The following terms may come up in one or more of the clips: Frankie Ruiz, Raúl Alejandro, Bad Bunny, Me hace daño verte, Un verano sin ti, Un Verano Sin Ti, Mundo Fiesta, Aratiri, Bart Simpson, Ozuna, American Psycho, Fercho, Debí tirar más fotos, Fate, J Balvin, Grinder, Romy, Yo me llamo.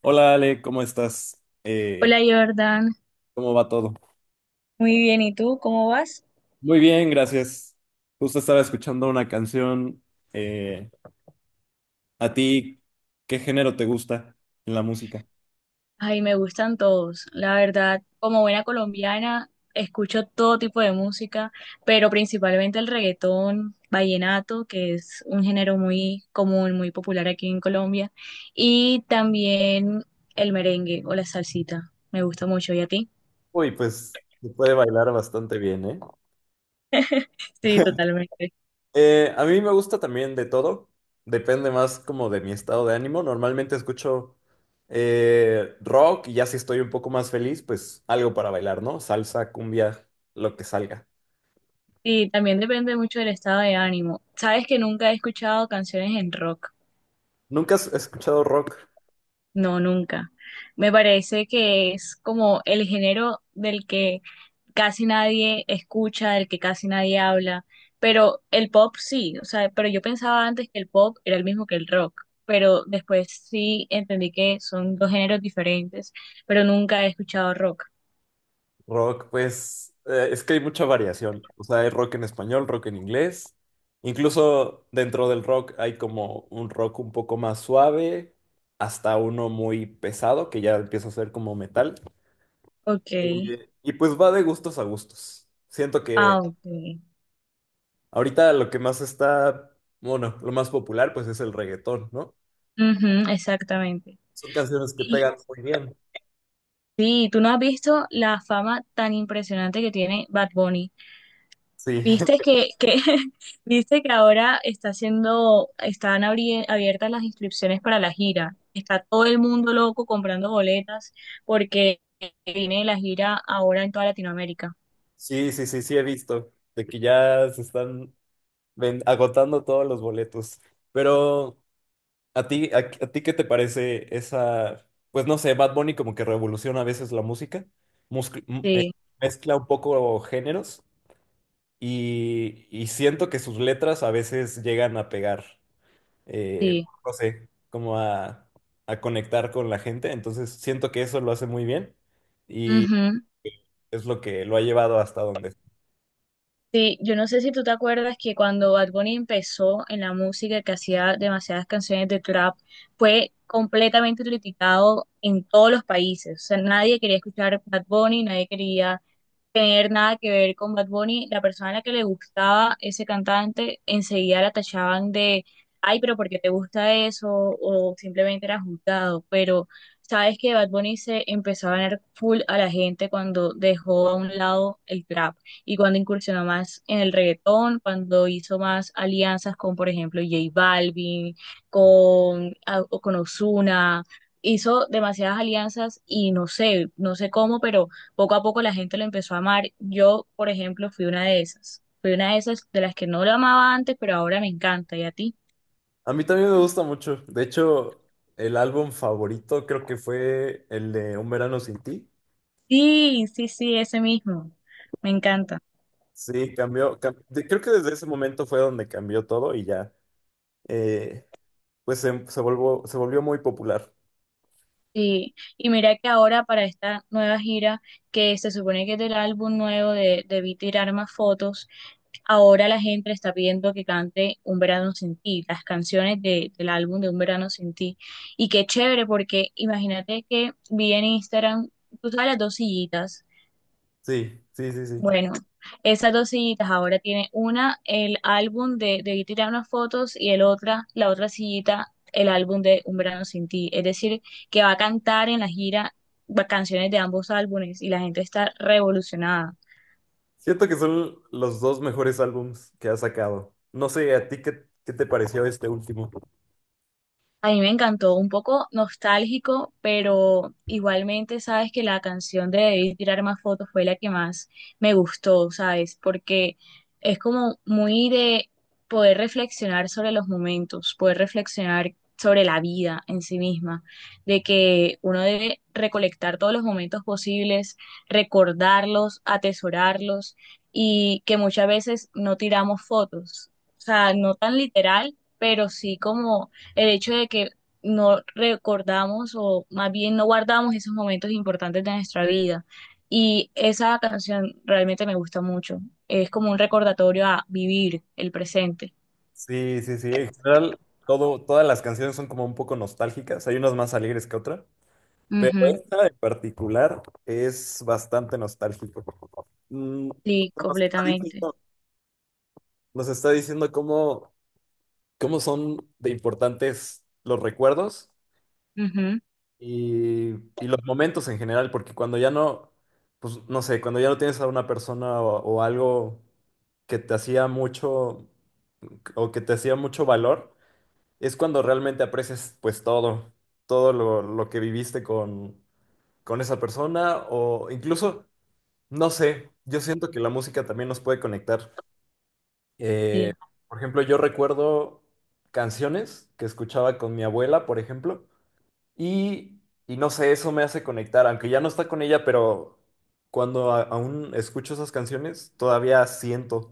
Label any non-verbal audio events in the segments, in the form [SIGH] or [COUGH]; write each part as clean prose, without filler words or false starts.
Hola Ale, ¿cómo estás? Hola Jordan. ¿Cómo va todo? Muy bien, ¿y tú cómo vas? Muy bien, gracias. Justo estaba escuchando una canción. eh, ¿A ti qué género te gusta en la música? Ay, me gustan todos, la verdad, como buena colombiana, escucho todo tipo de música, pero principalmente el reggaetón, vallenato, que es un género muy común, muy popular aquí en Colombia, y también el merengue o la salsita, me gusta mucho. ¿Y a ti? Uy, pues se puede bailar bastante bien, ¿eh? Sí, totalmente. A mí me gusta también de todo. Depende más como de mi estado de ánimo. Normalmente escucho rock, y ya si estoy un poco más feliz, pues algo para bailar, ¿no? Salsa, cumbia, lo que salga. Y también depende mucho del estado de ánimo. Sabes que nunca he escuchado canciones en rock. ¿Nunca has escuchado rock? No, nunca. Me parece que es como el género del que casi nadie escucha, del que casi nadie habla, pero el pop sí, o sea, pero yo pensaba antes que el pop era el mismo que el rock, pero después sí entendí que son dos géneros diferentes, pero nunca he escuchado rock. Rock, pues, es que hay mucha variación. O sea, hay rock en español, rock en inglés. Incluso dentro del rock hay como un rock un poco más suave, hasta uno muy pesado, que ya empieza a ser como metal. Ok. Y pues va de gustos a gustos. Siento que Ah, ok. ahorita lo que más está, bueno, lo más popular pues es el reggaetón, ¿no? Ujú, exactamente. Son canciones que Y pegan muy bien. sí, ¿tú no has visto la fama tan impresionante que tiene Bad Bunny? Sí, Viste [LAUGHS] que [LAUGHS] viste que ahora está haciendo, están abiertas las inscripciones para la gira. Está todo el mundo loco comprando boletas porque viene la gira ahora en toda Latinoamérica. sí, sí, sí, sí he visto. De que ya se están Ven, agotando todos los boletos. Pero, ¿a ti, a ti qué te parece esa, pues no sé, Bad Bunny como que revoluciona a veces la música, musc- m- eh, Sí, mezcla un poco géneros y siento que sus letras a veces llegan a pegar, eh, sí. no sé, como a conectar con la gente. Entonces, siento que eso lo hace muy bien y Ujú. es lo que lo ha llevado hasta donde. Sí, yo no sé si tú te acuerdas que cuando Bad Bunny empezó en la música, que hacía demasiadas canciones de trap, fue completamente criticado en todos los países. O sea, nadie quería escuchar Bad Bunny, nadie quería tener nada que ver con Bad Bunny, la persona a la que le gustaba ese cantante, enseguida la tachaban de, ay, pero ¿por qué te gusta eso? O simplemente era juzgado. Pero sabes que Bad Bunny se empezó a ganar full a la gente cuando dejó a un lado el trap y cuando incursionó más en el reggaetón, cuando hizo más alianzas con, por ejemplo, J Balvin, o con Ozuna. Hizo demasiadas alianzas y no sé, no sé cómo, pero poco a poco la gente lo empezó a amar. Yo, por ejemplo, fui una de esas. Fui una de esas de las que no lo amaba antes, pero ahora me encanta. ¿Y a ti? A mí también me gusta mucho. De hecho, el álbum favorito creo que fue el de Un Verano Sin Ti. Sí, sí, sí, ese mismo. Me encanta. Sí, creo que desde ese momento fue donde cambió todo y ya, eh, pues se se volvió muy popular. Sí. Y mira que ahora para esta nueva gira, que se supone que es del álbum nuevo de Debí tirar más fotos, ahora la gente le está pidiendo que cante Un verano sin ti, las canciones del álbum de Un verano sin ti. Y qué chévere, porque imagínate que vi en Instagram, tú sabes, las dos sillitas. Sí, sí, sí, sí. Bueno, esas dos sillitas, ahora tiene una el álbum de Debí tirar unas fotos y el otra, la otra sillita, el álbum de Un verano sin ti. Es decir, que va a cantar en la gira canciones de ambos álbumes y la gente está revolucionada. Siento que son los dos mejores álbums que ha sacado. No sé, ¿a ti qué te pareció este último? A mí me encantó, un poco nostálgico, pero igualmente sabes que la canción de Debí tirar más fotos fue la que más me gustó, ¿sabes? Porque es como muy de poder reflexionar sobre los momentos, poder reflexionar sobre la vida en sí misma, de que uno debe recolectar todos los momentos posibles, recordarlos, atesorarlos y que muchas veces no tiramos fotos, o sea, no tan literal, pero sí como el hecho de que no recordamos o más bien no guardamos esos momentos importantes de nuestra vida. Y esa canción realmente me gusta mucho. Es como un recordatorio a vivir el presente. Sí, sí, sí. En general, todas las canciones son como un poco nostálgicas. Hay unas más alegres que otras. Pero Ujú. esta en particular es bastante nostálgico. Mm. Sí, Nos está completamente. diciendo, nos está diciendo cómo, cómo son de importantes los recuerdos Ujú. y, y los momentos en general, porque cuando ya no, pues no sé, cuando ya no tienes a una persona o algo que te hacía mucho o que te hacía mucho valor, es cuando realmente aprecias pues todo, todo lo que viviste con esa persona o incluso... No sé, yo siento que la música también nos puede conectar. Eh, Sí. por ejemplo, yo recuerdo canciones que escuchaba con mi abuela, por ejemplo, y, y no sé, eso me hace conectar, aunque ya no está con ella, pero cuando aún escucho esas canciones, todavía siento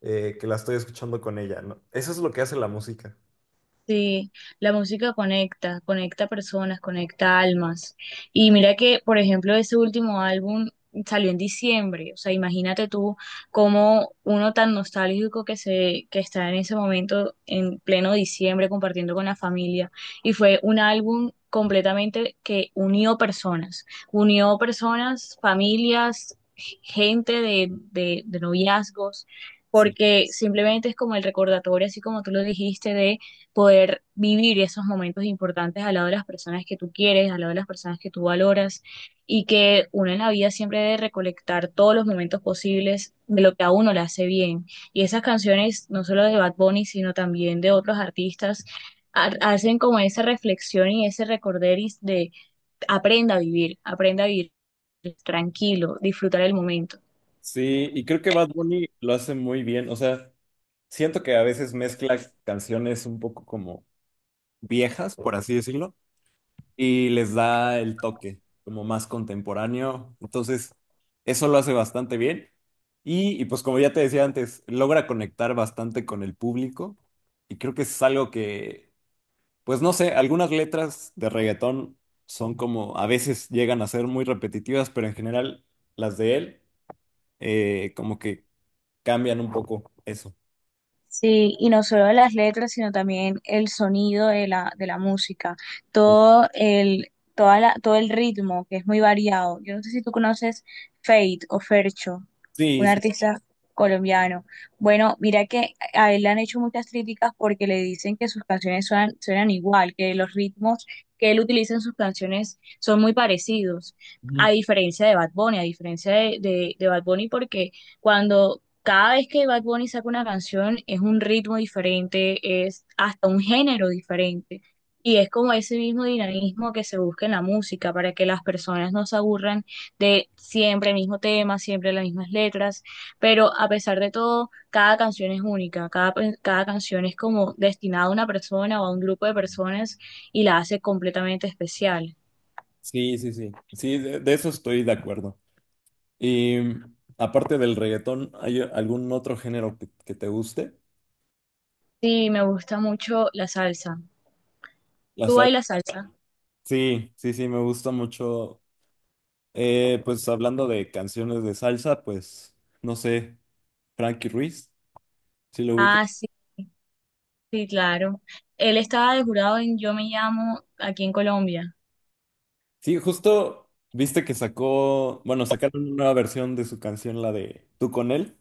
que la estoy escuchando con ella, ¿no? Eso es lo que hace la música. Sí, la música conecta, conecta personas, conecta almas. Y mira que, por ejemplo, ese último álbum salió en diciembre. O sea, imagínate tú cómo uno tan nostálgico que se, que está en ese momento, en pleno diciembre, compartiendo con la familia. Y fue un álbum completamente que unió personas, familias, gente de, de noviazgos, Sí, porque simplemente es como el recordatorio, así como tú lo dijiste, poder vivir esos momentos importantes al lado de las personas que tú quieres, al lado de las personas que tú valoras y que uno en la vida siempre debe recolectar todos los momentos posibles de lo que a uno le hace bien. Y esas canciones, no solo de Bad Bunny, sino también de otros artistas, hacen como esa reflexión y ese recorderis de aprenda a vivir tranquilo, disfrutar el momento. sí, y creo que Bad Bunny lo hace muy bien. O sea, siento que a veces mezcla canciones un poco como viejas, por así decirlo, y les da el toque como más contemporáneo. Entonces, eso lo hace bastante bien. Y pues como ya te decía antes, logra conectar bastante con el público y creo que es algo que, pues no sé, algunas letras de reggaetón son como, a veces llegan a ser muy repetitivas, pero en general las de él como que cambian un poco eso. Sí, y no solo las letras, sino también el sonido de la música, todo el, toda la, todo el ritmo, que es muy variado. Yo no sé si tú conoces Fate o Fercho, Sí, un sí. artista colombiano. Bueno, mira que a él le han hecho muchas críticas porque le dicen que sus canciones suenan, suenan igual, que los ritmos que él utiliza en sus canciones son muy parecidos, Ujú. a diferencia de Bad Bunny, a diferencia de, de Bad Bunny, porque cuando cada vez que Bad Bunny saca una canción es un ritmo diferente, es hasta un género diferente. Y es como ese mismo dinamismo que se busca en la música para que las personas no se aburran de siempre el mismo tema, siempre las mismas letras. Pero a pesar de todo, cada canción es única, cada canción es como destinada a una persona o a un grupo de personas y la hace completamente especial. Sí, sí, sí. Sí, de eso estoy de acuerdo. Y mm, aparte del reggaetón, ¿hay algún otro género que te guste? Sí, me gusta mucho la salsa. La ¿Tú salsa. bailas salsa? Sí, sí, sí, me gusta mucho. Pues hablando de canciones de salsa, pues no sé, Frankie Ruiz, sí lo ubica. Ah, sí. Sí, claro. Él estaba de jurado en Yo me llamo aquí en Colombia. Sí, justo viste que sacó, bueno, sacaron una nueva versión de su canción, la de Tú con él,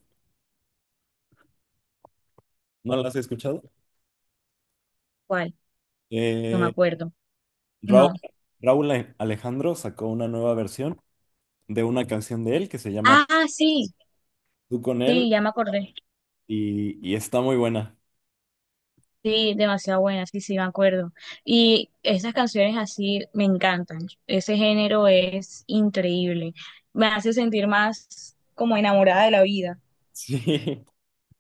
¿no la has escuchado? ¿Cuál? No me Eh, acuerdo. Raúl, No. Raúl Alejandro sacó una nueva versión de una canción de él que se llama Ah, sí, Tú con él sí, ya me acordé. Y está muy buena. Sí, demasiado buena, sí, sí, me acuerdo. Y esas canciones así me encantan. Ese género es increíble. Me hace sentir más como enamorada de la vida. Sí,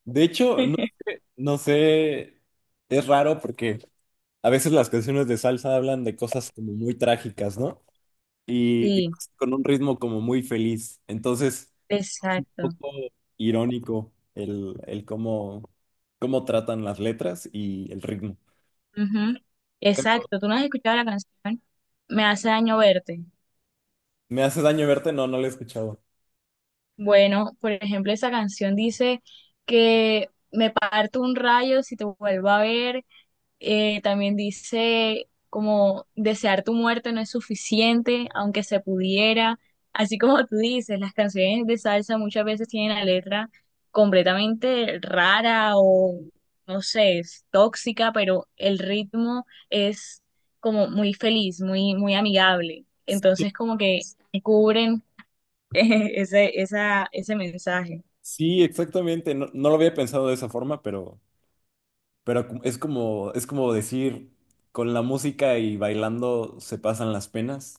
de hecho, no, [LAUGHS] no sé, es raro porque a veces las canciones de salsa hablan de cosas como muy trágicas, ¿no? Y Sí, con un ritmo como muy feliz. Entonces, exacto. un poco irónico el cómo, cómo tratan las letras y el ritmo. Ujú. Exacto. ¿Tú no has escuchado la canción? Me hace daño verte. ¿Me hace daño verte? No, no lo he escuchado. Bueno, por ejemplo, esa canción dice que me parto un rayo si te vuelvo a ver. También dice como desear tu muerte no es suficiente, aunque se pudiera. Así como tú dices, las canciones de salsa muchas veces tienen la letra completamente rara o no sé, es tóxica, pero el ritmo es como muy feliz, muy, muy amigable. Entonces, como que cubren [LAUGHS] ese mensaje. Sí, exactamente. No, no lo había pensado de esa forma, pero, es como decir, con la música y bailando se pasan las penas.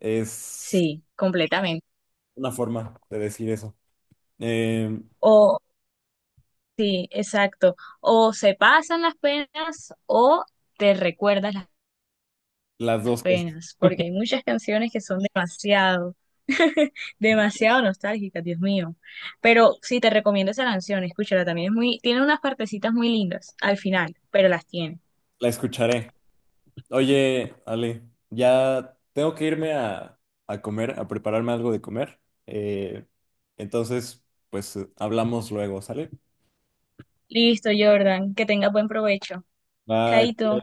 Es Sí, completamente. una forma de decir eso. Eh, O, sí, exacto. O se pasan las penas o te recuerdas las las dos cosas. penas, porque hay muchas canciones que son demasiado, [LAUGHS] demasiado nostálgicas, Dios mío. Pero sí, te recomiendo esa canción, escúchala también. Es muy, tiene unas partecitas muy lindas al final, pero las tiene. La escucharé. Oye, Ale, ya tengo que irme a comer, a prepararme algo de comer. Eh, entonces, pues hablamos luego, ¿sale? Listo, Jordan, que tenga buen provecho. Bye. Chaito.